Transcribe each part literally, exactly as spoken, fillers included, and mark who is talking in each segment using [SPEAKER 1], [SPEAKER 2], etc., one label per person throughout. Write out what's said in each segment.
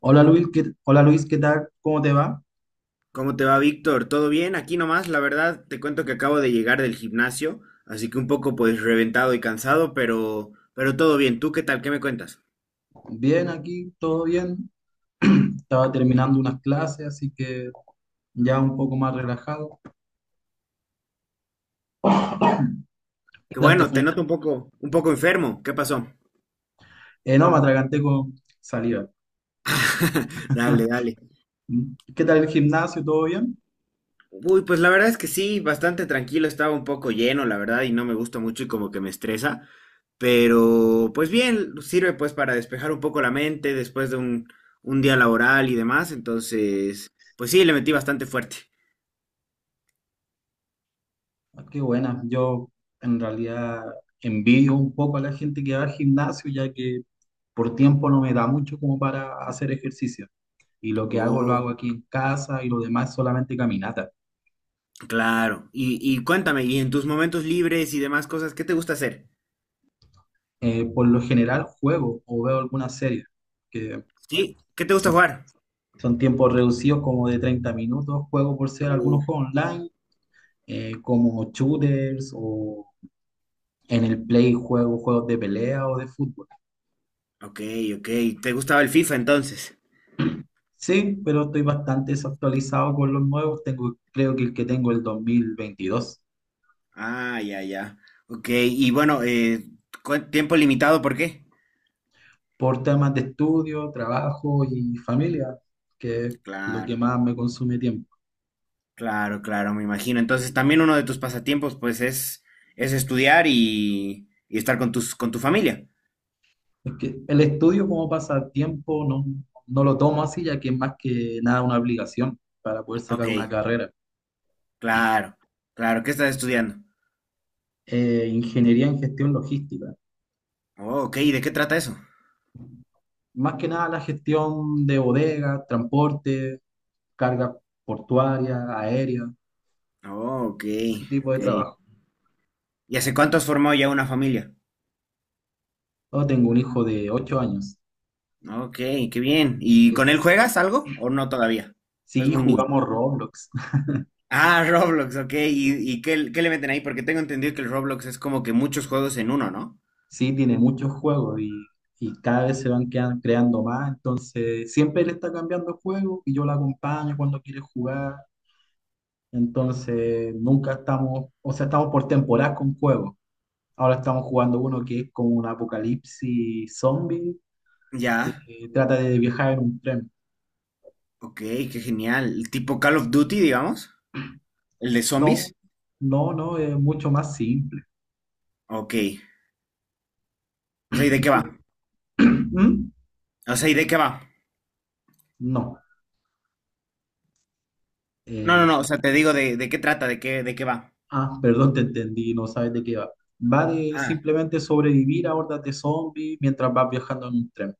[SPEAKER 1] Hola Luis, ¿qué, hola Luis, ¿qué tal? ¿Cómo te va?
[SPEAKER 2] ¿Cómo te va, Víctor? ¿Todo bien? Aquí nomás, la verdad, te cuento que acabo de llegar del gimnasio, así que un poco pues reventado y cansado, pero pero todo bien. ¿Tú qué tal? ¿Qué me cuentas?
[SPEAKER 1] Bien aquí, todo bien. Estaba terminando unas clases, así que ya un poco más relajado. ¿Qué
[SPEAKER 2] Que
[SPEAKER 1] tal te
[SPEAKER 2] bueno, te
[SPEAKER 1] fue?
[SPEAKER 2] noto un poco un poco enfermo. ¿Qué pasó?
[SPEAKER 1] Eh, no, me atraganté con saliva.
[SPEAKER 2] Dale, dale.
[SPEAKER 1] Mm. ¿Qué tal el gimnasio? ¿Todo bien?
[SPEAKER 2] Uy, pues la verdad es que sí, bastante tranquilo, estaba un poco lleno, la verdad, y no me gusta mucho y como que me estresa, pero pues bien, sirve pues para despejar un poco la mente después de un un día laboral y demás, entonces, pues sí, le metí bastante fuerte.
[SPEAKER 1] Ah, qué buena. Yo en realidad envidio un poco a la gente que va al gimnasio, ya que por tiempo no me da mucho como para hacer ejercicio. Y lo que hago lo hago
[SPEAKER 2] Oh.
[SPEAKER 1] aquí en casa y lo demás es solamente caminata.
[SPEAKER 2] Claro. Y, y cuéntame, y en tus momentos libres y demás cosas, ¿qué te gusta hacer?
[SPEAKER 1] Eh, por lo general juego o veo alguna serie que...
[SPEAKER 2] ¿Sí? ¿Qué te gusta
[SPEAKER 1] Son,
[SPEAKER 2] jugar?
[SPEAKER 1] son tiempos reducidos como de treinta minutos, juego por ser
[SPEAKER 2] Uh,
[SPEAKER 1] algunos juegos online, eh, como shooters o en el Play juego juegos de pelea o de fútbol.
[SPEAKER 2] ok, ok. ¿Te gustaba el FIFA entonces?
[SPEAKER 1] Sí, pero estoy bastante desactualizado con los nuevos. Tengo, creo que el que tengo es el dos mil veintidós,
[SPEAKER 2] Ah, ya, ya. Ok, y bueno, eh, cu- tiempo limitado, ¿por qué?
[SPEAKER 1] por temas de estudio, trabajo y familia, que es lo que
[SPEAKER 2] Claro,
[SPEAKER 1] más me consume tiempo.
[SPEAKER 2] claro, claro, me imagino. Entonces también uno de tus pasatiempos, pues, es, es estudiar y, y estar con tus, con tu familia.
[SPEAKER 1] Es que el estudio como pasatiempo no, no lo tomo así, ya que es más que nada una obligación para poder sacar
[SPEAKER 2] Ok,
[SPEAKER 1] una carrera.
[SPEAKER 2] claro, claro. ¿Qué estás estudiando?
[SPEAKER 1] Eh, ingeniería en gestión logística.
[SPEAKER 2] Oh, ok, ¿y de qué trata eso?
[SPEAKER 1] Más que nada la gestión de bodegas, transporte, carga portuaria, aérea,
[SPEAKER 2] Oh, ok,
[SPEAKER 1] ese tipo de
[SPEAKER 2] ok.
[SPEAKER 1] trabajo.
[SPEAKER 2] ¿Y hace cuánto has formado ya una familia?
[SPEAKER 1] Yo tengo un hijo de ocho años.
[SPEAKER 2] Ok, qué bien. ¿Y
[SPEAKER 1] y él-
[SPEAKER 2] con él juegas algo o no todavía? ¿O Es
[SPEAKER 1] Sí,
[SPEAKER 2] muy niño.
[SPEAKER 1] jugamos Roblox.
[SPEAKER 2] Ah, Roblox, ok. ¿Y, y qué, qué le meten ahí? Porque tengo entendido que el Roblox es como que muchos juegos en uno, ¿no?
[SPEAKER 1] Sí, tiene muchos juegos y, y cada vez se van quedan- creando más. Entonces, siempre él está cambiando el juego y yo lo acompaño cuando quiere jugar. Entonces, nunca estamos, o sea, estamos por temporada con juegos. Ahora estamos jugando uno que es como un apocalipsis zombie.
[SPEAKER 2] Ya,
[SPEAKER 1] Eh, trata de viajar en un tren.
[SPEAKER 2] ok, qué genial. Tipo Call of Duty, digamos. El de
[SPEAKER 1] No,
[SPEAKER 2] zombies.
[SPEAKER 1] no, no, es mucho más simple.
[SPEAKER 2] Ok. O sea, ¿y de
[SPEAKER 1] ¿Y
[SPEAKER 2] qué
[SPEAKER 1] tú?
[SPEAKER 2] va?
[SPEAKER 1] ¿Mm?
[SPEAKER 2] O sea, ¿y de qué va?
[SPEAKER 1] No.
[SPEAKER 2] No, no, no, o
[SPEAKER 1] Eh,
[SPEAKER 2] sea, te digo de, de qué trata, de, qué, de qué va.
[SPEAKER 1] ah, perdón, te entendí, no sabes de qué va. Va de
[SPEAKER 2] Ah,
[SPEAKER 1] simplemente sobrevivir a hordas de zombies mientras vas viajando en un tren.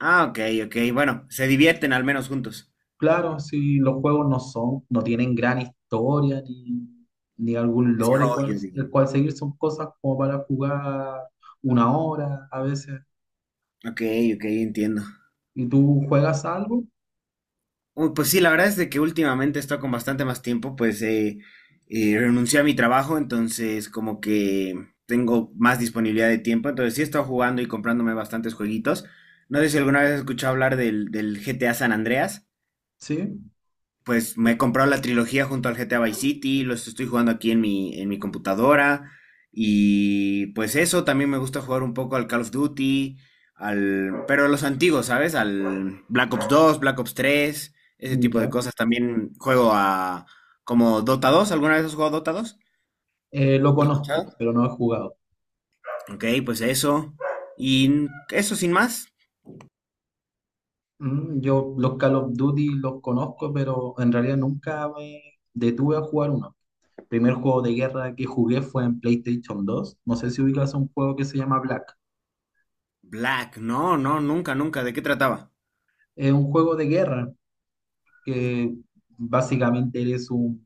[SPEAKER 2] ah, ok, ok. Bueno, se divierten al menos juntos.
[SPEAKER 1] Claro, si los juegos no son, no tienen gran historia ni, ni algún lore el cual,
[SPEAKER 2] Desarrollo, digo.
[SPEAKER 1] el cual seguir, son cosas como para jugar una hora a veces.
[SPEAKER 2] Ok, ok, entiendo.
[SPEAKER 1] ¿Y tú juegas algo?
[SPEAKER 2] Uy, pues sí, la verdad es de que últimamente he con bastante más tiempo, pues eh, eh, renuncié a mi trabajo, entonces como que tengo más disponibilidad de tiempo, entonces sí he estado jugando y comprándome bastantes jueguitos. No sé si alguna vez has escuchado hablar del, del G T A San Andreas.
[SPEAKER 1] Sí,
[SPEAKER 2] Pues me he comprado la trilogía junto al G T A Vice City, los estoy jugando aquí en mi, en mi computadora. Y pues eso, también me gusta jugar un poco al Call of Duty, al, pero los antiguos, ¿sabes? Al Black Ops dos, Black Ops tres, ese tipo de
[SPEAKER 1] ya.
[SPEAKER 2] cosas. También juego a como Dota dos, ¿alguna vez has jugado Dota dos?
[SPEAKER 1] Eh, lo
[SPEAKER 2] ¿Lo has
[SPEAKER 1] conozco,
[SPEAKER 2] escuchado?
[SPEAKER 1] pero no he jugado.
[SPEAKER 2] Ok, pues eso. Y n- eso sin más.
[SPEAKER 1] Mm, yo los Call of Duty los conozco, pero en realidad nunca me detuve a jugar uno. El primer juego de guerra que jugué fue en PlayStation dos. No sé si ubicas un juego que se llama Black.
[SPEAKER 2] Black, no, no, nunca, nunca. ¿De qué trataba?
[SPEAKER 1] Es un juego de guerra que básicamente eres un,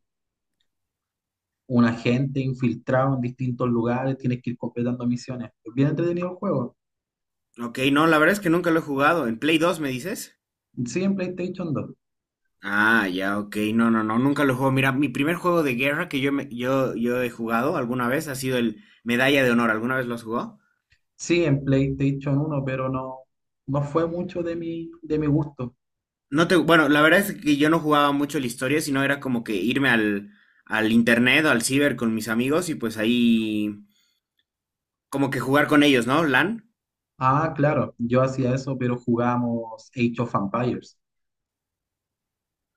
[SPEAKER 1] un agente infiltrado en distintos lugares, tienes que ir completando misiones. Es bien entretenido el juego.
[SPEAKER 2] Ok, no, la verdad es que nunca lo he jugado. ¿En Play dos me dices?
[SPEAKER 1] Sí, en PlayStation dos.
[SPEAKER 2] Ah, ya, ok. No, no, no, nunca lo juego. Mira, mi primer juego de guerra que yo, me- yo, yo he jugado alguna vez ha sido el Medalla de Honor. ¿Alguna vez lo has jugado?
[SPEAKER 1] Sí, en PlayStation uno, pero no, no fue mucho de mi, de mi gusto.
[SPEAKER 2] No te, bueno, la verdad es que yo no jugaba mucho la historia, sino era como que irme al, al internet o al ciber con mis amigos y pues ahí como que jugar con ellos, ¿no? LAN.
[SPEAKER 1] Ah, claro, yo hacía eso, pero jugábamos Age of Empires.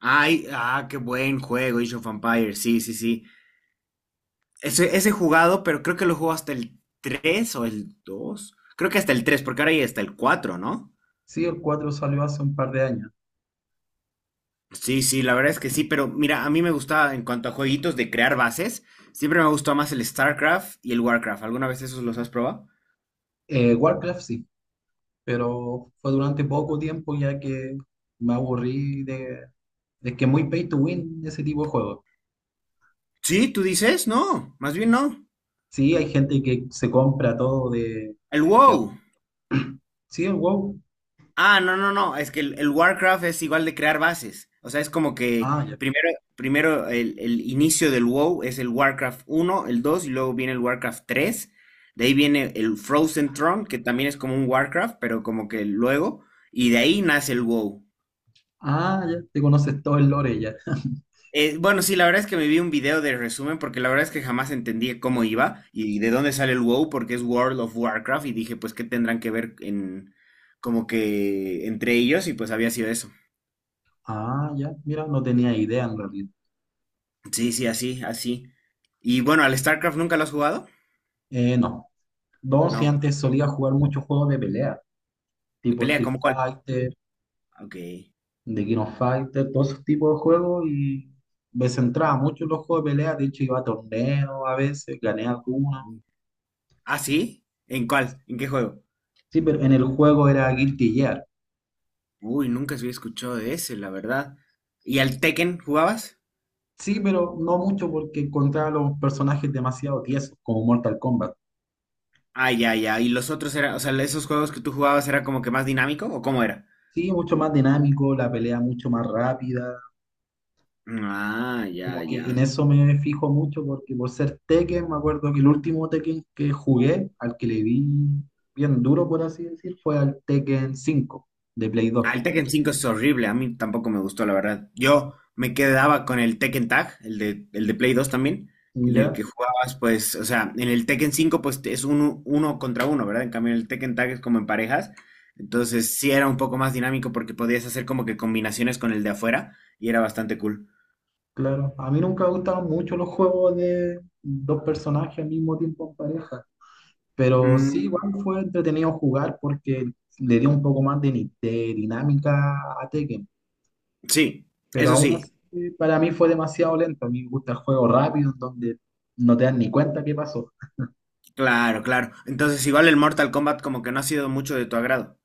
[SPEAKER 2] Ay, ah, qué buen juego, Age of Empires. Sí, sí, sí. Ese, ese he jugado, pero creo que lo juego hasta el tres o el dos. Creo que hasta el tres, porque ahora ya está el cuatro, ¿no?
[SPEAKER 1] Sí, el cuatro salió hace un par de años.
[SPEAKER 2] Sí, sí, la verdad es que sí, pero mira, a mí me gustaba en cuanto a jueguitos de crear bases, siempre me gustó más el StarCraft y el WarCraft. ¿Alguna vez esos los has probado?
[SPEAKER 1] Eh, Warcraft sí, pero fue durante poco tiempo ya que me aburrí de, de que muy pay to win ese tipo de juegos.
[SPEAKER 2] Sí, tú dices, no, más bien no.
[SPEAKER 1] Sí, hay gente que se compra todo de...
[SPEAKER 2] El
[SPEAKER 1] de-
[SPEAKER 2] WoW.
[SPEAKER 1] Sí, el WoW.
[SPEAKER 2] Ah, no, no, no, es que el, el WarCraft es igual de crear bases. O sea, es como que
[SPEAKER 1] Ah, ya.
[SPEAKER 2] primero, primero el, el inicio del WoW es el WarCraft uno, el dos y luego viene el WarCraft tres. De ahí viene el Frozen Throne, que también es como un WarCraft, pero como que luego. Y de ahí nace el WoW.
[SPEAKER 1] Ah, ya, te conoces todo el lore ya.
[SPEAKER 2] Eh, bueno, sí, la verdad es que me vi un video de resumen porque la verdad es que jamás entendí cómo iba y de dónde sale el WoW porque es World of Warcraft y dije pues qué tendrán que ver en como que entre ellos y pues había sido eso.
[SPEAKER 1] Ah, ya, mira, no tenía idea en realidad.
[SPEAKER 2] Sí, sí, así, así. Y bueno, ¿al StarCraft nunca lo has jugado?
[SPEAKER 1] Eh, no. Dos, si
[SPEAKER 2] No.
[SPEAKER 1] antes
[SPEAKER 2] Eh,
[SPEAKER 1] solía jugar muchos juegos de pelea,
[SPEAKER 2] ¿De
[SPEAKER 1] tipo
[SPEAKER 2] pelea?
[SPEAKER 1] Street
[SPEAKER 2] ¿Cómo cuál?
[SPEAKER 1] Fighter,
[SPEAKER 2] Ok.
[SPEAKER 1] de King of Fighters, todos esos tipos de juegos y me centraba mucho en los juegos de pelea, de hecho iba a torneos a veces, gané algunos.
[SPEAKER 2] ¿Ah, sí? ¿En cuál? ¿En qué juego?
[SPEAKER 1] Sí, pero en el juego era Guilty Gear.
[SPEAKER 2] Uy, nunca se había escuchado de ese, la verdad. ¿Y al Tekken jugabas?
[SPEAKER 1] Sí, pero no mucho porque encontraba los personajes demasiado tiesos, como Mortal Kombat.
[SPEAKER 2] Ah, ya, ya. ¿Y los otros eran, o sea, esos juegos que tú jugabas era como que más dinámico o cómo era?
[SPEAKER 1] Sí, mucho más dinámico, la pelea mucho más rápida.
[SPEAKER 2] Mm, ah, ya,
[SPEAKER 1] Como que en
[SPEAKER 2] ya.
[SPEAKER 1] eso me fijo mucho porque por ser Tekken, me acuerdo que el último Tekken que jugué, al que le vi bien duro, por así decir, fue al Tekken cinco de Play
[SPEAKER 2] Ah,
[SPEAKER 1] dos.
[SPEAKER 2] el Tekken cinco es horrible, a mí tampoco me gustó, la verdad. Yo me quedaba con el Tekken Tag, el de, el de Play dos también, en el
[SPEAKER 1] ¿Ya?
[SPEAKER 2] que jugabas, pues, o sea, en el Tekken cinco, pues te- es uno, uno contra uno, ¿verdad? En cambio, en el Tekken Tag es como en parejas. Entonces, sí era un poco más dinámico porque podías hacer como que combinaciones con el de afuera y era bastante cool.
[SPEAKER 1] Claro, a mí nunca me gustaron mucho los juegos de dos personajes al mismo tiempo en pareja, pero sí,
[SPEAKER 2] Mm,
[SPEAKER 1] igual fue entretenido jugar porque le dio un poco más de, ni- de dinámica a Tekken,
[SPEAKER 2] sí,
[SPEAKER 1] pero
[SPEAKER 2] eso
[SPEAKER 1] aún
[SPEAKER 2] sí,
[SPEAKER 1] así para mí fue demasiado lento, a mí me gusta el juego rápido en donde no te das ni cuenta qué pasó.
[SPEAKER 2] claro, claro. Entonces, igual el Mortal Kombat como que no ha sido mucho de tu agrado.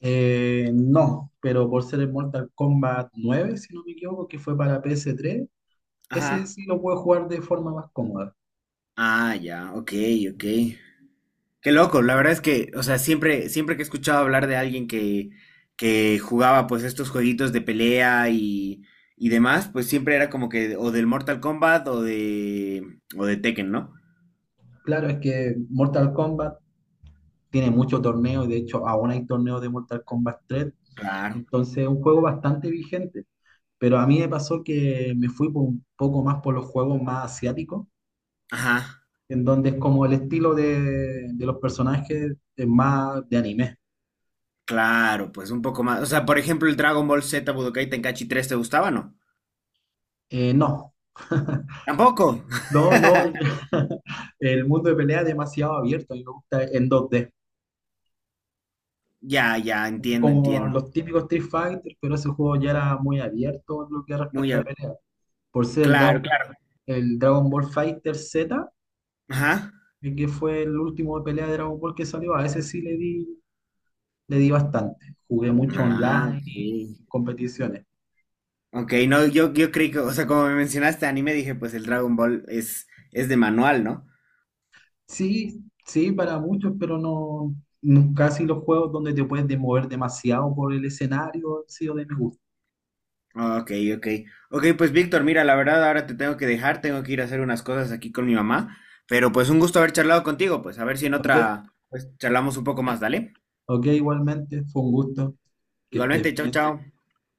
[SPEAKER 1] Eh, no, pero por ser el Mortal Kombat nueve, si no me equivoco, que fue para P S tres, ese
[SPEAKER 2] Ajá.
[SPEAKER 1] sí lo puedo jugar de forma más cómoda.
[SPEAKER 2] Ah, ya, ok, ok. Qué loco, la verdad es que, o sea, siempre, siempre que he escuchado hablar de alguien que, que jugaba pues estos jueguitos de pelea y, y demás, pues siempre era como que o del Mortal Kombat o de, o de Tekken, ¿no?
[SPEAKER 1] Claro, es que Mortal Kombat tiene muchos torneos y de hecho aún hay torneos de Mortal Kombat tres,
[SPEAKER 2] Claro.
[SPEAKER 1] entonces es un juego bastante vigente, pero a mí me pasó que me fui por un poco más por los juegos más asiáticos,
[SPEAKER 2] Ajá,
[SPEAKER 1] en donde es como el estilo de, de los personajes es más de anime.
[SPEAKER 2] claro, pues un poco más. O sea, por ejemplo, el Dragon Ball Z Budokai Tenkaichi tres, ¿te gustaba o no?
[SPEAKER 1] Eh, no,
[SPEAKER 2] Tampoco.
[SPEAKER 1] no, no, el, el mundo de pelea es demasiado abierto, a mí me gusta en dos d
[SPEAKER 2] Ya, ya, entiendo,
[SPEAKER 1] como
[SPEAKER 2] entiendo.
[SPEAKER 1] los típicos Street Fighter, pero ese juego ya era muy abierto en lo que
[SPEAKER 2] Muy,
[SPEAKER 1] respecta a
[SPEAKER 2] a-
[SPEAKER 1] pelea, por ser el
[SPEAKER 2] claro,
[SPEAKER 1] Dragon,
[SPEAKER 2] claro.
[SPEAKER 1] el Dragon Ball Fighter Z,
[SPEAKER 2] Ajá.
[SPEAKER 1] eh, que fue el último de pelea de Dragon Ball que salió. A ese sí le di, le di bastante. Jugué mucho
[SPEAKER 2] Ah,
[SPEAKER 1] online y
[SPEAKER 2] sí.
[SPEAKER 1] en competiciones.
[SPEAKER 2] Ok, no, yo, yo creí que, o sea, como me mencionaste anime, dije, pues el Dragon Ball es, es de manual, ¿no?
[SPEAKER 1] Sí, sí, para muchos, pero no, no- casi los juegos donde te puedes de- mover demasiado por el escenario han sido de mi gusto.
[SPEAKER 2] Ah, ok, ok. Ok, pues Víctor, mira, la verdad ahora te tengo que dejar, tengo que ir a hacer unas cosas aquí con mi mamá, pero pues un gusto haber charlado contigo, pues a ver si en
[SPEAKER 1] Ok,
[SPEAKER 2] otra, pues charlamos un poco más, ¿dale?
[SPEAKER 1] ok, igualmente, fue un gusto que estés
[SPEAKER 2] Igualmente, chao,
[SPEAKER 1] bien.
[SPEAKER 2] chao.